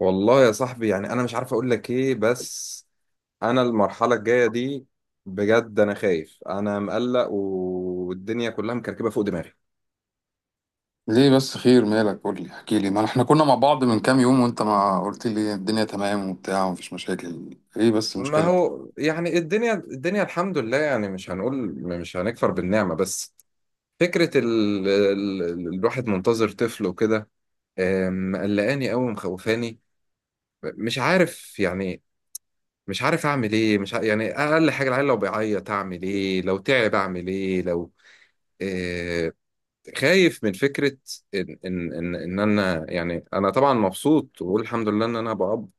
والله يا صاحبي، يعني انا مش عارف اقول لك ايه. بس انا المرحله الجايه دي، بجد انا خايف. انا مقلق والدنيا كلها مكركبه فوق دماغي. ليه بس؟ خير، مالك؟ قول لي، احكي لي، ما احنا كنا مع بعض من كام يوم وانت ما قلت لي الدنيا تمام وبتاع ومفيش مشاكل. ايه بس ما مشكلة؟ هو يعني الدنيا الحمد لله، يعني مش هنقول، مش هنكفر بالنعمه. بس فكره الواحد منتظر طفل وكده، مقلقاني قوي، مخوفاني. مش عارف يعني. مش عارف اعمل ايه، مش ع... يعني اقل حاجه، العيل لو بيعيط اعمل ايه، لو تعب اعمل ايه، لو آه، خايف من فكرة إن أنا، يعني أنا طبعا مبسوط وبقول الحمد لله إن أنا أبقى أب.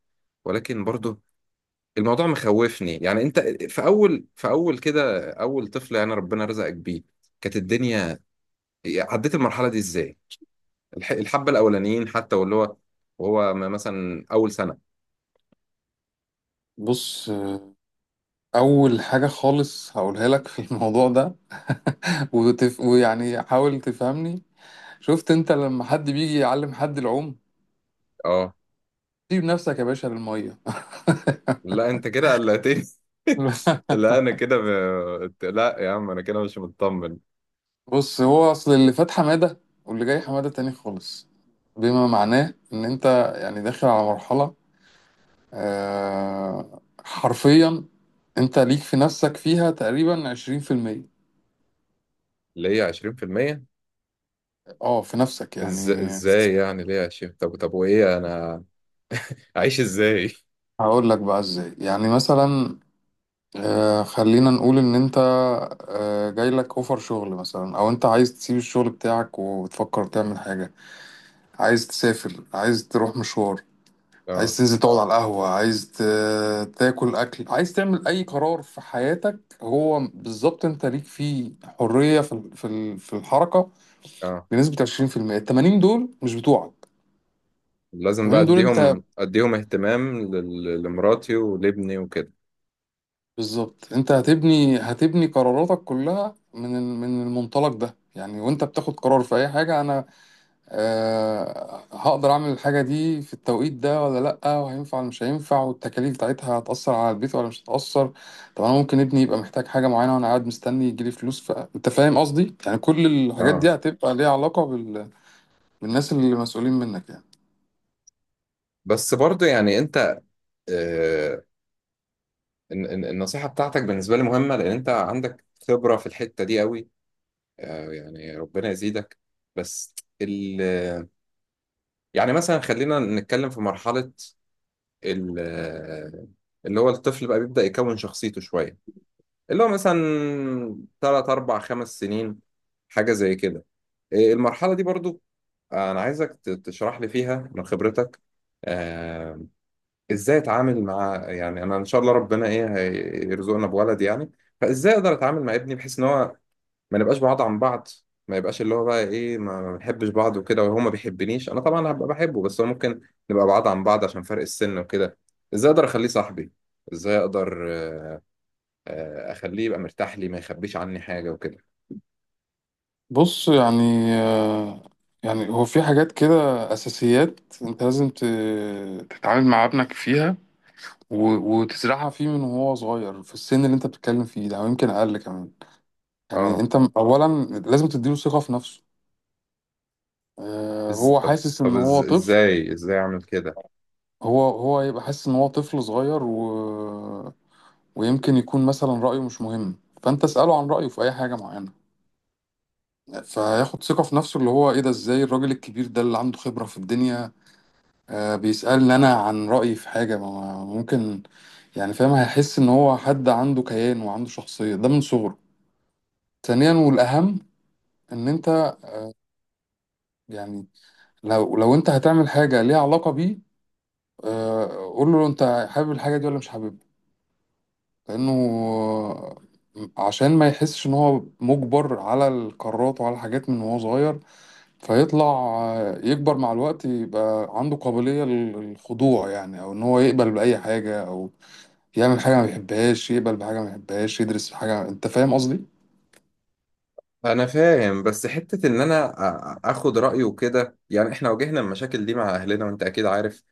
ولكن برضه الموضوع مخوفني. يعني أنت في أول كده، أول طفل يعني ربنا رزقك بيه، كانت الدنيا، عديت المرحلة دي إزاي؟ الحبة الأولانيين حتى، واللي هو، مثلا أول سنة. بص، اول حاجة خالص هقولها لك في الموضوع ده ويعني حاول تفهمني. شفت انت لما حد بيجي يعلم حد العوم؟ أه. سيب نفسك يا باشا للمية. لا أنت كده قلقتني. لا أنا كده ب... لا يا عم أنا كده مش مطمن. بص، هو اصل اللي فات حمادة، واللي جاي حمادة تاني خالص، بما معناه ان انت يعني داخل على مرحلة. حرفيا انت ليك في نفسك فيها تقريبا عشرين في المية. اللي هي 20%. اه، في نفسك يعني. ازاي يعني، ليه 20؟ طب وايه انا عايش ازاي؟ هقول لك بقى ازاي. يعني مثلا خلينا نقول ان انت جايلك اوفر شغل مثلا، او انت عايز تسيب الشغل بتاعك وتفكر تعمل حاجة، عايز تسافر، عايز تروح مشوار، عايز اه، تنزل تقعد على القهوة، عايز تاكل اكل، عايز تعمل اي قرار في حياتك. هو بالظبط انت ليك فيه حرية في الحركة اه. بنسبة 20%. ال 80 دول مش بتوعك. لازم بقى 80 دول انت اديهم اهتمام لمراتي ولابني وكده. بالظبط. انت هتبني قراراتك كلها من المنطلق ده. يعني وانت بتاخد قرار في اي حاجه، انا هقدر اعمل الحاجه دي في التوقيت ده ولا لا، وهينفع ولا مش هينفع، والتكاليف بتاعتها هتاثر على البيت ولا مش هتاثر. طب انا ممكن ابني يبقى محتاج حاجه معينه وانا قاعد مستني يجيلي فلوس. فانت فاهم قصدي؟ يعني كل الحاجات دي اه، هتبقى ليها علاقه بالناس اللي مسؤولين منك يعني. بس برضو يعني انت، آه النصيحة بتاعتك بالنسبة لي مهمة، لان انت عندك خبرة في الحتة دي قوي. آه يعني ربنا يزيدك. بس ال يعني مثلا، خلينا نتكلم في مرحلة، ال اللي هو الطفل بقى بيبدأ يكون شخصيته شوية. اللي هو مثلا تلات أربع خمس سنين، حاجة زي كده. إيه المرحلة دي برضو؟ أنا عايزك تشرح لي فيها من خبرتك. آه، إزاي أتعامل مع، يعني أنا إن شاء الله ربنا إيه هيرزقنا بولد يعني، فإزاي أقدر أتعامل مع ابني بحيث إن هو ما نبقاش بعاد عن بعض. ما يبقاش اللي هو بقى إيه، ما بنحبش بعض وكده، وهو ما بيحبنيش. أنا طبعا هبقى بحبه بس هو ممكن نبقى بعاد عن بعض عشان فرق السن وكده. إزاي أقدر أخليه صاحبي؟ إزاي أقدر أخليه يبقى مرتاح لي ما يخبيش عني حاجة وكده؟ بص، يعني آه، يعني هو في حاجات كده، أساسيات أنت لازم تتعامل مع ابنك فيها، و- وتزرعها فيه من وهو صغير، في السن اللي أنت بتتكلم فيه ده أو يمكن أقل كمان. يعني أه. أنت أولا لازم تديله ثقة في نفسه. هو طب، حاسس إن هو طفل. إزاي أعمل كده؟ هو هيبقى حاسس إن هو طفل صغير، ويمكن يكون مثلا رأيه مش مهم. فأنت اسأله عن رأيه في أي حاجة معينة، فياخد ثقة في نفسه. اللي هو، إيه ده؟ إزاي الراجل الكبير ده اللي عنده خبرة في الدنيا بيسألني أنا عن رأيي في حاجة ممكن؟ يعني فاهم؟ هيحس إن هو حد عنده كيان وعنده شخصية ده من صغره. ثانيا والأهم، إن أنت، يعني، لو أنت هتعمل حاجة ليها علاقة بيه، آه، قول له أنت حابب الحاجة دي ولا مش حاببها. لأنه عشان ما يحسش إن هو مجبر على القرارات وعلى الحاجات من وهو صغير، فيطلع يكبر مع الوقت يبقى عنده قابلية للخضوع. يعني أو إن هو يقبل بأي حاجة، أو يعمل حاجة ما بيحبهاش، يقبل بحاجة ما بيحبهاش، يدرس في حاجة. أنت فاهم قصدي؟ انا فاهم، بس حتة ان انا اخد رأيه كده، يعني احنا واجهنا المشاكل دي مع اهلنا وانت اكيد عارف.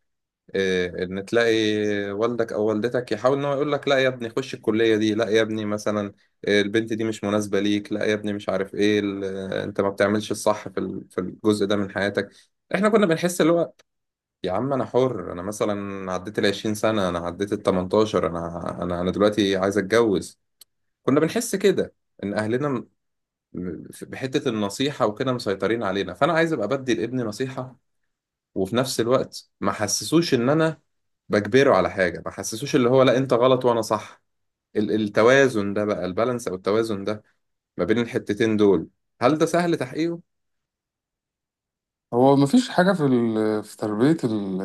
ان تلاقي والدك او والدتك يحاول ان هو يقول لك لا يا ابني خش الكلية دي، لا يا ابني مثلا البنت دي مش مناسبة ليك، لا يا ابني مش عارف ايه انت ما بتعملش الصح في الجزء ده من حياتك. احنا كنا بنحس اللي هو يا عم انا حر، انا مثلا عديت ال 20 سنة، انا عديت ال 18، انا دلوقتي عايز اتجوز. كنا بنحس كده ان اهلنا بحتة النصيحة وكده مسيطرين علينا. فأنا عايز أبقى بدي لابني نصيحة، وفي نفس الوقت ما حسسوش إن أنا بجبره على حاجة، ما حسسوش اللي هو لا أنت غلط وأنا صح. التوازن ده بقى، البالانس أو التوازن ده ما بين الحتتين دول، هل ده سهل تحقيقه؟ هو مفيش حاجة في ال... في تربية ال...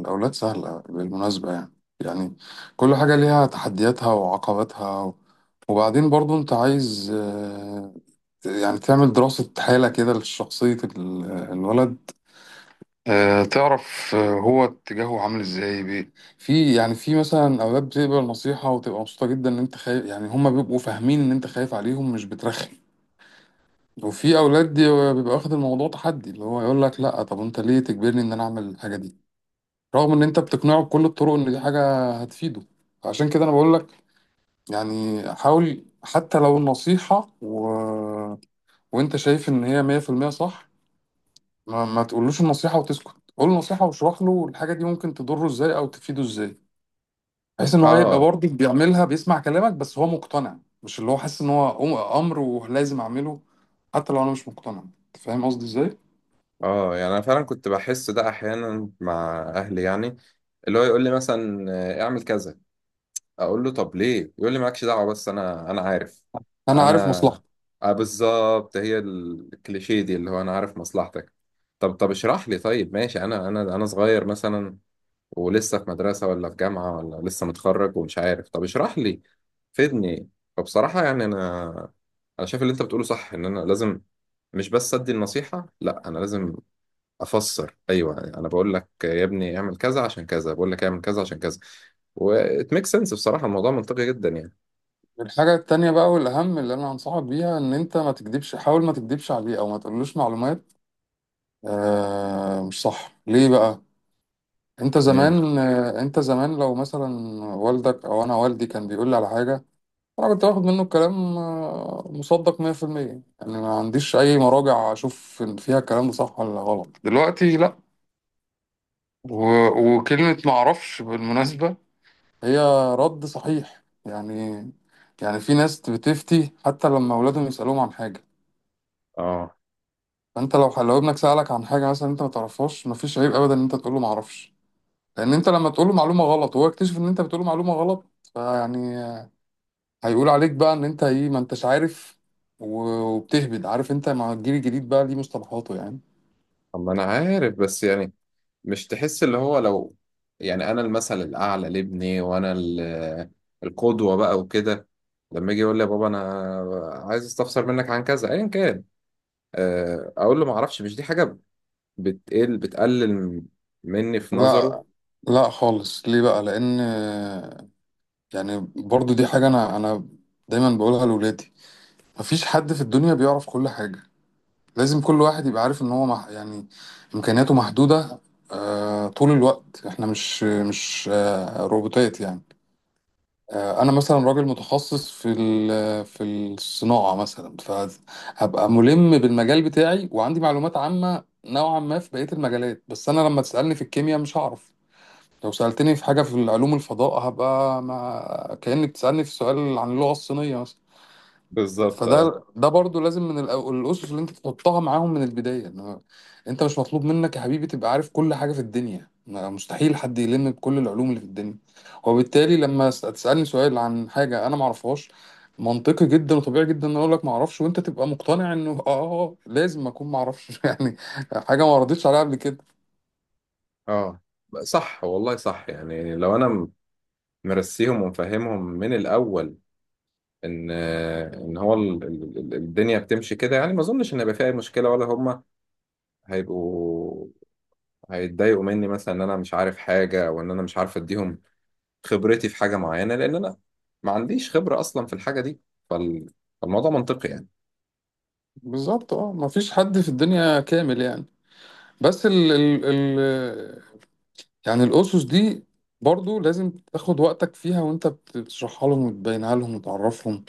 الأولاد سهلة بالمناسبة يعني. يعني كل حاجة ليها تحدياتها وعقباتها. وبعدين برضو أنت عايز يعني تعمل دراسة حالة كده لشخصية الولد. تعرف هو اتجاهه عامل ازاي في. يعني في مثلا أولاد بتقبل نصيحة وتبقى مبسوطة جدا إن أنت خايف. يعني هما بيبقوا فاهمين إن أنت خايف عليهم، مش بترخم. وفي اولاد دي بيبقى واخد الموضوع تحدي، اللي هو يقول لك لا، طب انت ليه تجبرني ان انا اعمل الحاجه دي؟ رغم ان انت بتقنعه بكل الطرق ان دي حاجه هتفيده. عشان كده انا بقول لك يعني حاول، حتى لو النصيحه، وانت شايف ان هي 100% صح، ما تقولوش النصيحه وتسكت. قول النصيحه واشرح له الحاجه دي ممكن تضره ازاي او تفيده ازاي، بحيث ان هو يبقى آه برضه بيعملها، بيسمع كلامك بس هو مقتنع، مش اللي هو حاسس ان هو امر ولازم اعمله حتى لو انا مش مقتنع. أنت فاهم قصدي ازاي؟ يعني أنا فعلا كنت بحس ده أحيانا مع أهلي، يعني اللي هو يقول لي مثلا اعمل كذا، اقول له طب ليه، يقول لي مالكش دعوه بس انا عارف. انا عارف انا مصلحتك. بالظبط، هي الكليشيه دي اللي هو انا عارف مصلحتك. طب اشرح لي، طيب ماشي، انا انا صغير مثلا، ولسه في مدرسه ولا في جامعه ولا لسه متخرج ومش عارف، طب اشرح لي، فيدني. فبصراحه يعني انا شايف اللي انت بتقوله صح. ان انا لازم مش بس ادي النصيحه، لا انا لازم افسر. ايوه انا بقول لك يا ابني اعمل كذا عشان كذا، بقول لك اعمل كذا عشان كذا. وات ميك سنس، بصراحه الموضوع منطقي جدا يعني. الحاجه التانية بقى، والاهم، اللي انا هنصحك بيها، ان انت ما تكدبش. حاول ما تكدبش عليه او ما تقولوش معلومات مش صح. ليه بقى؟ امم انت زمان لو مثلا والدك او انا والدي كان بيقول لي على حاجه، انا كنت باخد منه الكلام مصدق 100%. يعني ما عنديش اي مراجع اشوف إن فيها الكلام ده صح ولا غلط. دلوقتي لا. و... وكلمه ما اعرفش بالمناسبه هي رد صحيح يعني. يعني في ناس بتفتي حتى لما اولادهم يسالوهم عن حاجه. اه. فانت لو ابنك سالك عن حاجه مثلا انت ما تعرفهاش، مفيش عيب ابدا ان انت تقول له ما اعرفش. لان انت لما تقول له معلومه غلط وهو يكتشف ان انت بتقول له معلومه غلط، فيعني هيقول عليك بقى ان انت ايه، ما انتش عارف و- وبتهبد. عارف انت مع الجيل الجديد بقى ليه مصطلحاته يعني. اما انا عارف، بس يعني، مش تحس اللي هو لو، يعني انا المثل الاعلى لابني وانا القدوه بقى وكده، لما يجي يقول لي يا بابا انا عايز استفسر منك عن كذا ايا كان، اقول له ما اعرفش، مش دي حاجه بتقلل مني في نظره؟ لا، لا خالص. ليه بقى؟ لان يعني برضو دي حاجه انا دايما بقولها لاولادي. مفيش حد في الدنيا بيعرف كل حاجه. لازم كل واحد يبقى عارف ان هو يعني امكانياته محدوده. طول الوقت احنا مش مش روبوتات يعني. انا مثلا راجل متخصص في في الصناعه مثلا، فهبقى ملم بالمجال بتاعي وعندي معلومات عامه نوعا ما في بقيه المجالات، بس انا لما تسالني في الكيمياء مش هعرف. لو سالتني في حاجه في علوم الفضاء هبقى، ما... كانك بتسالني في سؤال عن اللغه الصينيه مثلا. بالظبط، اه، فده، برضو لازم من الاسس اللي انت تحطها معاهم من البدايه، ان هو، انت مش مطلوب منك يا حبيبي تبقى عارف كل حاجه في الدنيا. مستحيل حد يلم بكل العلوم اللي في الدنيا. وبالتالي لما تسالني سؤال عن حاجه انا ما اعرفهاش، منطقي جدا وطبيعي جدا ان اقول لك ما اعرفش، وانت تبقى مقتنع انه، لازم اكون ما اعرفش. يعني حاجه ما ردتش عليها قبل كده. اه، صح والله صح. يعني لو انا مرسيهم ومفهمهم من الاول ان هو الدنيا بتمشي كده، يعني ما اظنش ان هيبقى فيها اي مشكله، ولا هم هيبقوا هيتضايقوا مني مثلا ان انا مش عارف حاجه، او ان انا مش عارف اديهم خبرتي في حاجه معينه، لان انا ما عنديش خبره اصلا في الحاجه دي. فال... فالموضوع منطقي يعني. بالظبط اه، ما فيش حد في الدنيا كامل يعني. بس ال ال يعني الأسس دي برضو لازم تاخد وقتك فيها وانت بتشرحها لهم وتبينها لهم وتعرفهم،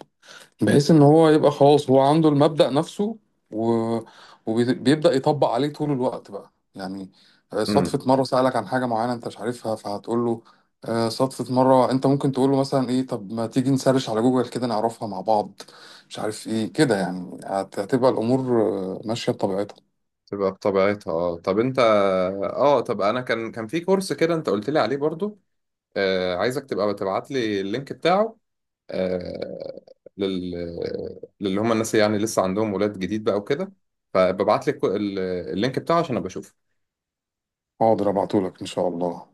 بحيث ان هو يبقى خلاص هو عنده المبدأ نفسه، و... وبيبدأ يطبق عليه طول الوقت بقى يعني. امم صدفة مرة سألك عن حاجة معينة انت مش عارفها فهتقول له. صدفة مرة انت ممكن تقول له مثلا ايه، طب ما تيجي نسرش على جوجل كده نعرفها مع بعض، مش عارف ايه كده يعني. هتبقى الأمور ماشية بطبيعتها. تبقى بطبيعتها. اه، طب انت، اه طب انا، كان في كورس كده انت قلت لي عليه برضو، عايزك تبقى تبعت لي اللينك بتاعه، آه، لل للي هم الناس اللي يعني لسه عندهم ولاد جديد بقى وكده، فببعت لك اللينك بتاعه عشان ابقى اشوفه. حاضر، ابعتهولك ان شاء الله.